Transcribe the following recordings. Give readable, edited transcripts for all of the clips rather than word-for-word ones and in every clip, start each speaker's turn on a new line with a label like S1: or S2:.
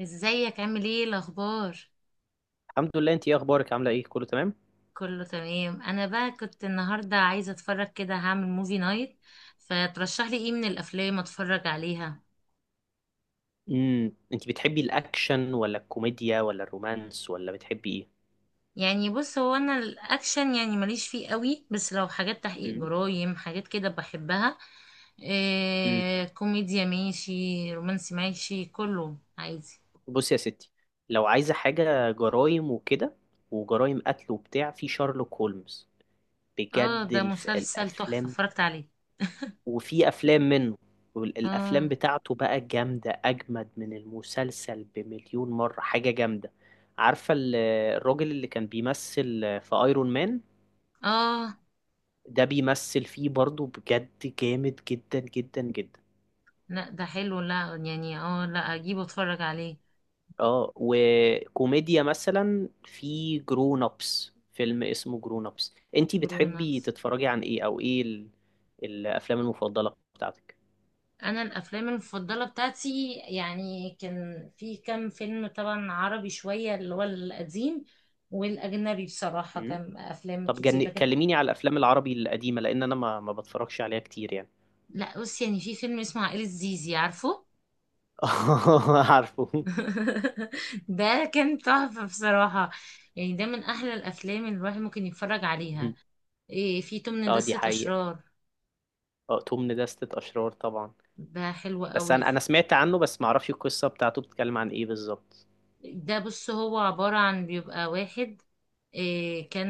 S1: ازيك؟ عامل ايه؟ الاخبار؟
S2: الحمد لله، انت ايه اخبارك؟ عامله ايه؟ كله تمام؟
S1: كله تمام. انا بقى كنت النهارده عايزه اتفرج كده، هعمل موفي نايت، فترشح لي ايه من الافلام اتفرج عليها.
S2: انت بتحبي الاكشن ولا الكوميديا ولا الرومانس ولا بتحبي ايه؟
S1: يعني بص، هو انا الاكشن يعني ماليش فيه قوي، بس لو حاجات تحقيق
S2: امم
S1: جرايم حاجات كده بحبها.
S2: امم
S1: إيه، كوميديا ماشي، رومانسي ماشي، كله عادي.
S2: بصي يا ستي. لو عايزه حاجه جرايم وكده، وجرايم قتل وبتاع، في شارلوك هولمز
S1: اه،
S2: بجد
S1: ده مسلسل تحفه
S2: الافلام.
S1: اتفرجت عليه.
S2: وفي افلام منه، والافلام
S1: اه،
S2: بتاعته بقى جامده، اجمد من المسلسل بمليون مره، حاجه جامده. عارفه ال- الراجل اللي كان بيمثل في ايرون مان،
S1: اه،
S2: ده بيمثل فيه برضو، بجد جامد جدا جدا جدا.
S1: لا ده حلو، لا يعني لا اجيبه اتفرج عليه.
S2: اه وكوميديا مثلا، في جرون ابس، فيلم اسمه جرون ابس. انتي بتحبي
S1: جرونكس.
S2: تتفرجي عن ايه، او الافلام المفضلة بتاعتك؟
S1: انا الافلام المفضله بتاعتي يعني كان في كام فيلم، طبعا عربي شويه اللي هو القديم، والاجنبي بصراحه
S2: مم.
S1: كان افلام
S2: طب
S1: كتير، لكن
S2: كلميني على الافلام العربي القديمة، لان انا ما بتفرجش عليها كتير يعني.
S1: لا بص، يعني في فيلم اسمه عائله زيزي، عارفه؟
S2: عارفه.
S1: ده كان تحفه بصراحه. يعني ده من احلى الافلام اللي الواحد ممكن يتفرج عليها.
S2: مم.
S1: إيه، في تمن
S2: اه دي
S1: دسة
S2: حقيقة،
S1: اشرار.
S2: اه توم ندستة اشرار طبعا.
S1: ده حلو
S2: بس
S1: قوي.
S2: انا سمعت عنه، بس ما اعرفش القصة بتاعته بتتكلم عن ايه بالظبط.
S1: ده بص، هو عباره عن بيبقى واحد، إيه، كان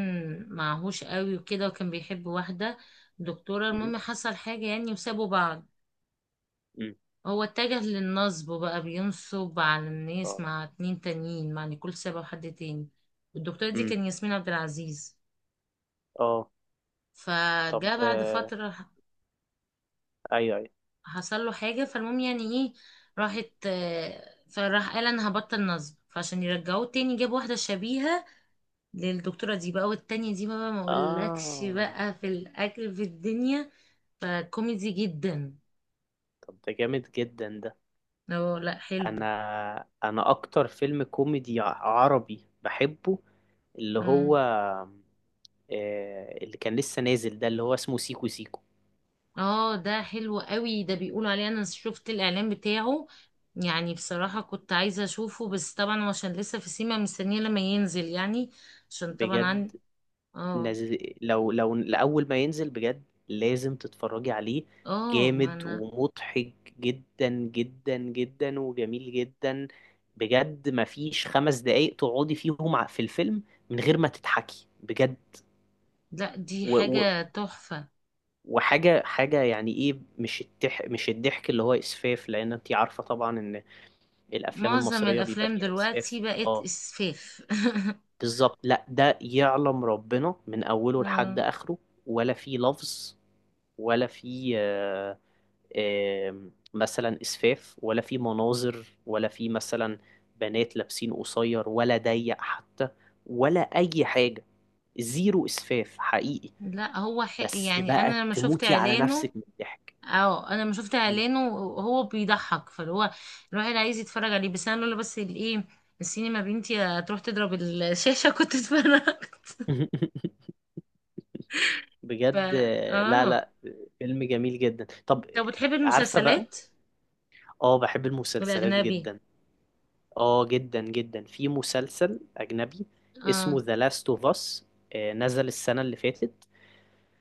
S1: معهوش قوي وكده، وكان بيحب واحدة دكتورة.
S2: مم.
S1: المهم حصل حاجة يعني، وسابوا بعض.
S2: مم.
S1: هو اتجه للنصب بقى، بينصب على الناس
S2: اه.
S1: مع اتنين تانيين، مع نيكول سابا وحد تاني. والدكتورة دي
S2: مم.
S1: كان ياسمين عبد العزيز.
S2: اه. طب
S1: فجاء بعد فترة
S2: ايوه ايوه.
S1: حصل له حاجة. فالمهم يعني ايه، راحت فراح قال انا هبطل نصب، فعشان يرجعوه تاني جاب واحدة شبيهة للدكتورة دي بقى، والتانية دي بقى ما اقولكش
S2: اه.
S1: بقى في الأكل في الدنيا. فكوميدي جدا.
S2: طب ده جامد جدا ده.
S1: اه لا، حلو.
S2: انا انا اكتر فيلم كوميدي عربي بحبه، اللي
S1: اه،
S2: هو اللي كان لسه نازل، ده اللي هو اسمه سيكو سيكو
S1: ده حلو قوي، ده بيقولوا عليه، انا شفت الاعلان بتاعه. يعني بصراحة كنت عايزة اشوفه، بس طبعا هو عشان لسه في سيما، مستنية لما ينزل يعني، عشان طبعا
S2: بجد.
S1: عن. اه،
S2: نز... لو لأول ما ينزل بجد لازم تتفرجي عليه.
S1: اه، ما
S2: جامد
S1: انا.
S2: ومضحك جدا جدا جدا، وجميل جدا بجد. مفيش خمس دقايق تقعدي فيهم في الفيلم من غير ما تضحكي بجد.
S1: لا دي
S2: و... و...
S1: حاجة تحفة.
S2: وحاجة يعني ايه، مش مش الضحك اللي هو إسفاف، لأن انتي عارفة طبعا إن الأفلام
S1: معظم
S2: المصرية بيبقى
S1: الافلام
S2: فيها إسفاف.
S1: دلوقتي بقت
S2: اه
S1: اسفاف.
S2: بالظبط. لا ده يعلم ربنا من أوله لحد
S1: آه.
S2: آخره، ولا فيه لفظ، ولا في مثلا اسفاف، ولا في مناظر، ولا في مثلا بنات لابسين قصير ولا ضيق حتى، ولا اي حاجه. زيرو اسفاف حقيقي.
S1: لا هو
S2: بس
S1: يعني
S2: بقى
S1: انا لما شفت
S2: تموتي على نفسك
S1: اعلانه.
S2: من الضحك.
S1: اه، انا لما شفت
S2: مم.
S1: اعلانه هو بيضحك، فاللي هو الواحد عايز يتفرج عليه، بس انا لولا بس الايه، السينما بنتي هتروح تضرب الشاشة، كنت اتفرجت. ف.
S2: بجد لا
S1: اه،
S2: لا، فيلم جميل جدا. طب
S1: طب بتحب
S2: عارفه بقى،
S1: المسلسلات
S2: اه بحب المسلسلات
S1: الاجنبي؟
S2: جدا، اه جدا جدا. في مسلسل اجنبي اسمه
S1: اه،
S2: ذا لاست اوف اس، نزل السنه اللي فاتت،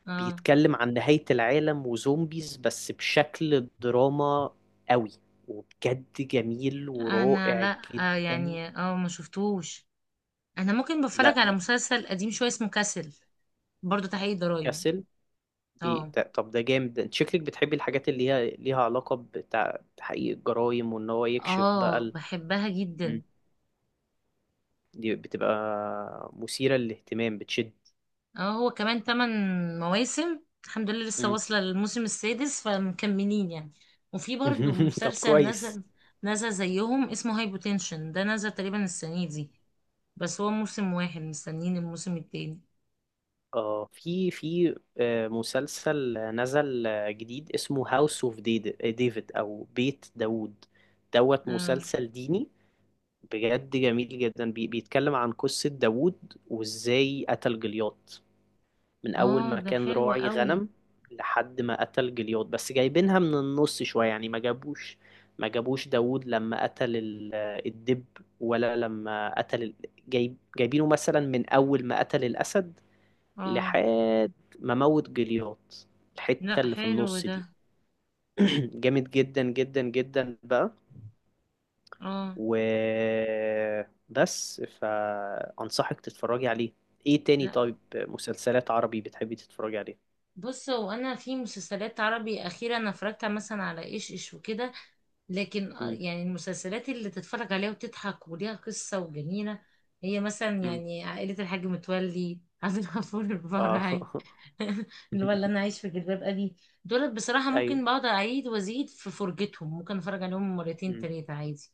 S1: اه،
S2: بيتكلم عن نهاية العالم وزومبيز بس بشكل دراما قوي، وبجد جميل
S1: انا
S2: ورائع
S1: لا
S2: جدا.
S1: يعني ما شفتوش. انا ممكن
S2: لا
S1: بتفرج على
S2: ج-
S1: مسلسل قديم شوية اسمه كاسل، برضو تحقيق ضرايب.
S2: ياسل.
S1: اه،
S2: طب ده جامد ده. انت شكلك بتحبي الحاجات اللي هي ليها علاقة بتحقيق الجرائم، وان هو يكشف بقى
S1: اه، بحبها جدا.
S2: مم. دي بتبقى مثيرة للاهتمام، بتشد.
S1: اه، هو كمان تمن مواسم، الحمد لله لسه
S2: مم.
S1: واصلة للموسم السادس، فمكملين يعني. وفي برضو
S2: طب
S1: مسلسل
S2: كويس.
S1: نزل زيهم اسمه هاي بوتنشن، ده نزل تقريبا السنة دي، بس هو موسم واحد، مستنيين الموسم التاني.
S2: اه في مسلسل نزل جديد اسمه هاوس اوف ديفيد او بيت داوود دوت،
S1: اه،
S2: مسلسل ديني، بجد جميل جدا. بيتكلم عن قصة داوود وازاي قتل جليات، من اول
S1: اه،
S2: ما
S1: ده
S2: كان
S1: حلو
S2: راعي
S1: قوي.
S2: غنم لحد ما قتل جليات. بس جايبينها من النص شوية يعني، ما جابوش داوود لما قتل الدب، ولا لما قتل جايبينه مثلا من اول ما قتل الاسد
S1: اه
S2: لحد ما موت جليات،
S1: لا،
S2: الحتة اللي في
S1: حلو
S2: النص
S1: ده.
S2: دي. جامد جدا جدا جدا بقى.
S1: اه
S2: و بس فأنصحك تتفرجي عليه. ايه تاني؟
S1: لا،
S2: طيب مسلسلات عربي بتحبي تتفرجي عليها؟
S1: بص هو انا في مسلسلات عربي، اخيرا انا اتفرجت مثلا على ايش ايش وكده، لكن
S2: امم
S1: يعني المسلسلات اللي تتفرج عليها وتضحك وليها قصة وجميلة، هي مثلا
S2: امم
S1: يعني عائلة الحاج متولي، عبد الغفور
S2: اه.
S1: البرعي، اللي هو اللي انا، عايش في جلباب ابي. دول بصراحة
S2: ايوه.
S1: ممكن بقعد اعيد وازيد في فرجتهم، ممكن اتفرج عليهم مرتين
S2: امم
S1: تلاتة عادي.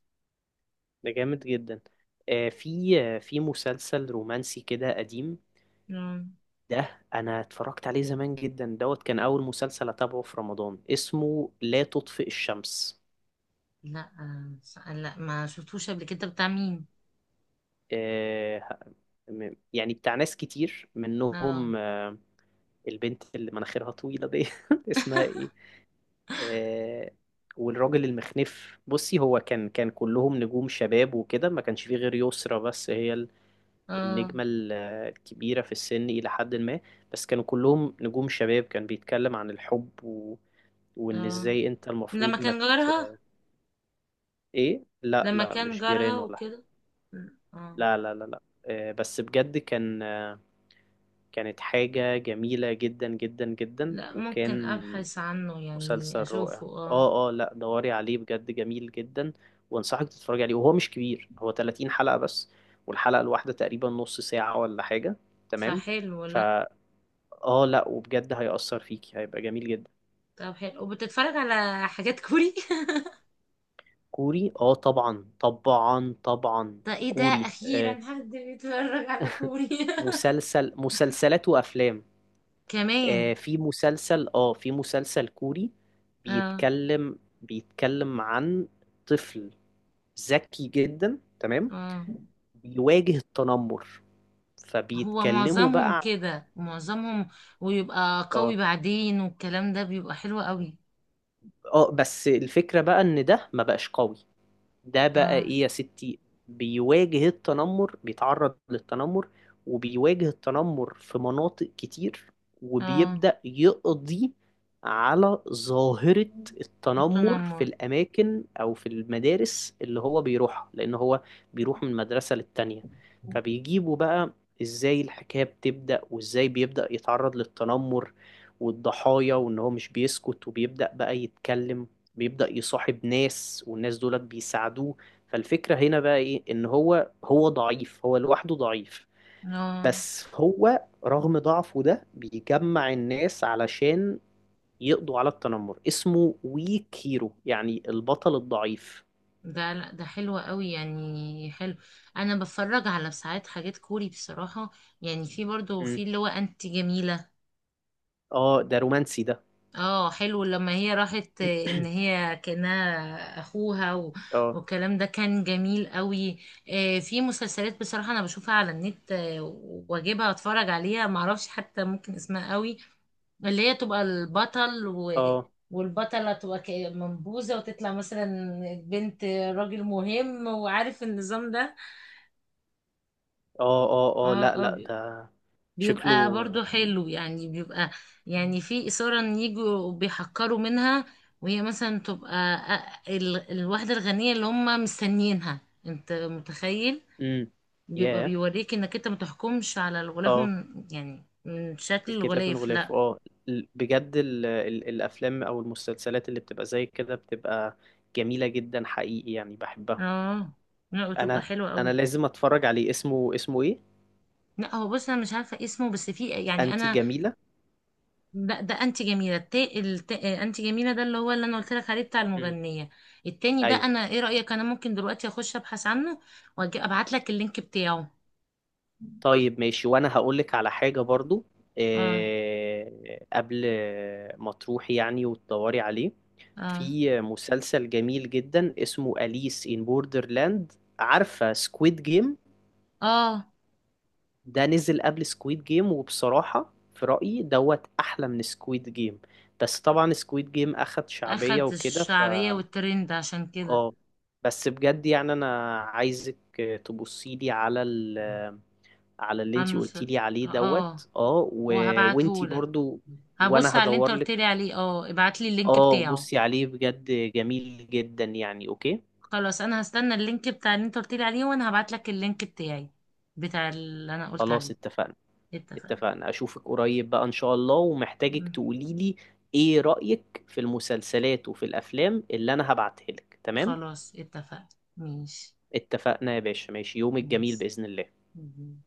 S2: ده جامد جدا. آه في في مسلسل رومانسي كده قديم،
S1: مم.
S2: ده انا اتفرجت عليه زمان جدا دوت. كان اول مسلسل اتابعه في رمضان، اسمه لا تطفئ الشمس.
S1: لا لا ما شفتوش قبل كده. بتاع مين؟
S2: آه، يعني بتاع ناس كتير
S1: اه.
S2: منهم البنت اللي مناخيرها طويلة دي، اسمها ايه. آه، والراجل المخنف. بصي هو كان كلهم نجوم شباب وكده، ما كانش فيه غير يسرا، بس هي
S1: اه،
S2: النجمة الكبيرة في السن إلى حد ما، بس كانوا كلهم نجوم شباب. كان بيتكلم عن الحب وإن
S1: اه،
S2: إزاي أنت
S1: لما
S2: المفروض ما
S1: كان
S2: ت-
S1: جارها.
S2: إيه. لا
S1: لما
S2: لا،
S1: كان
S2: مش
S1: جارها
S2: جيران ولا.
S1: وكده. اه،
S2: لا لا لا لا، بس بجد كان كانت حاجة جميلة جدا جدا جدا،
S1: لا ممكن
S2: وكان
S1: ابحث عنه
S2: مسلسل
S1: يعني
S2: رائع.
S1: اشوفه، اه
S2: اه اه لا دوري عليه بجد جميل جدا، وانصحك تتفرج عليه. وهو مش كبير، هو 30 حلقة بس، والحلقة الواحدة تقريبا نص ساعة ولا حاجة. تمام.
S1: فحلو، لا.
S2: فا اه لا، وبجد هيأثر فيكي، هيبقى جميل جدا.
S1: طب حلو، وبتتفرج على حاجات كوري؟
S2: كوري اه طبعا طبعا طبعا.
S1: ده ايه ده،
S2: كوري
S1: اخيرا
S2: آه،
S1: حد بيتفرج على كوري.
S2: مسلسل، مسلسلات وافلام.
S1: كمان.
S2: في مسلسل، اه في مسلسل كوري،
S1: اه،
S2: بيتكلم عن طفل ذكي جدا، تمام،
S1: اه،
S2: بيواجه التنمر.
S1: هو
S2: فبيتكلموا
S1: معظمهم
S2: بقى
S1: كده، معظمهم ويبقى قوي
S2: اه.
S1: بعدين، والكلام ده بيبقى حلو قوي.
S2: اه بس الفكرة بقى ان ده ما بقاش قوي، ده بقى
S1: اه،
S2: ايه يا ستي. بيواجه التنمر، بيتعرض للتنمر وبيواجه التنمر في مناطق كتير،
S1: اه،
S2: وبيبدأ يقضي على ظاهرة التنمر في
S1: التنمر.
S2: الأماكن أو في المدارس اللي هو بيروحها، لأن هو بيروح من مدرسة للتانية. فبيجيبوا بقى إزاي الحكاية بتبدأ، وإزاي بيبدأ يتعرض للتنمر والضحايا، وإن هو مش بيسكت وبيبدأ بقى يتكلم، بيبدأ يصاحب ناس، والناس دولت بيساعدوه. فالفكرة هنا بقى ايه، ان هو ضعيف، هو لوحده ضعيف،
S1: اه،
S2: بس هو رغم ضعفه ده بيجمع الناس علشان يقضوا على التنمر. اسمه ويك هيرو، يعني البطل الضعيف.
S1: ده لا ده حلو قوي يعني، حلو. انا بتفرج على ساعات حاجات كوري بصراحة. يعني في برضو في
S2: مم.
S1: اللي هو انت جميلة.
S2: اه ده رومانسي ده.
S1: اه حلو، لما هي راحت ان هي كانها اخوها و...
S2: اه.
S1: والكلام ده كان جميل قوي. في مسلسلات بصراحة انا بشوفها على النت، واجيبها اتفرج عليها، معرفش حتى ممكن اسمها قوي. اللي هي تبقى البطل و...
S2: اه.
S1: والبطلة تبقى منبوذة، وتطلع مثلا بنت راجل مهم، وعارف النظام ده.
S2: اه. اه. اه. لا
S1: اه، اه،
S2: لا ده شكله.
S1: بيبقى برضو حلو يعني، بيبقى يعني في إثارة، ان يجوا بيحقروا منها، وهي مثلا تبقى الواحدة الغنية اللي هم مستنيينها. انت متخيل،
S2: امم
S1: بيبقى
S2: ياه.
S1: بيوريك انك انت متحكمش على الغلاف،
S2: اه.
S1: من يعني من شكل
S2: الكتاب من
S1: الغلاف، لا.
S2: غلافه، اه. بجد ال الافلام او المسلسلات اللي بتبقى زي كده بتبقى جميله جدا حقيقي، يعني بحبها.
S1: اه لا، بتبقى
S2: انا
S1: حلوة
S2: انا
S1: قوي.
S2: لازم اتفرج عليه، اسمه ايه؟
S1: لا هو بص، انا مش عارفه اسمه، بس في يعني
S2: انتي
S1: انا،
S2: جميله.
S1: ده انتي جميله، انتي جميله، ده اللي هو اللي انا قلت لك عليه بتاع
S2: امم
S1: المغنيه. التاني ده
S2: ايوه.
S1: انا، ايه رايك، انا ممكن دلوقتي اخش ابحث عنه واجي ابعت لك اللينك بتاعه.
S2: طيب ماشي، وانا هقول لك على حاجه برضو.
S1: اه،
S2: إيه؟ قبل ما تروحي يعني وتدوري عليه،
S1: اه،
S2: في مسلسل جميل جدا اسمه أليس ان بوردرلاند. عارفه سكويد جيم؟
S1: اه،
S2: ده نزل قبل سكويد جيم، وبصراحة في رأيي دوت أحلى من سكويد جيم. بس طبعا سكويد جيم أخد شعبية
S1: اخد
S2: وكده، ف
S1: الشعبيه والترند عشان كده.
S2: اه. بس بجد يعني أنا عايزك تبصيلي على على اللي
S1: عم
S2: انتي
S1: مس...
S2: قلتيلي عليه
S1: اه،
S2: دوت اه
S1: وهبعته
S2: وانتي
S1: لك.
S2: برضو،
S1: هبص
S2: وانا
S1: على اللي انت
S2: هدورلك.
S1: قلت لي عليه، اه ابعت لي اللينك
S2: اه
S1: بتاعه.
S2: بصي عليه بجد جميل جدا يعني، اوكي.
S1: خلاص، انا هستنى اللينك بتاع اللي انت قلت لي عليه، وانا هبعت لك اللينك بتاعي بتاع اللي انا قلت
S2: خلاص
S1: عليه.
S2: اتفقنا.
S1: اتفقنا.
S2: اتفقنا. اشوفك قريب بقى ان شاء الله، ومحتاجك
S1: مم.
S2: تقولي لي ايه رأيك في المسلسلات وفي الافلام اللي انا هبعتها لك. تمام.
S1: خلاص اتفقنا. ماشي.
S2: اتفقنا يا باشا. ماشي، يومك جميل
S1: ماشي.
S2: بإذن الله.
S1: مم.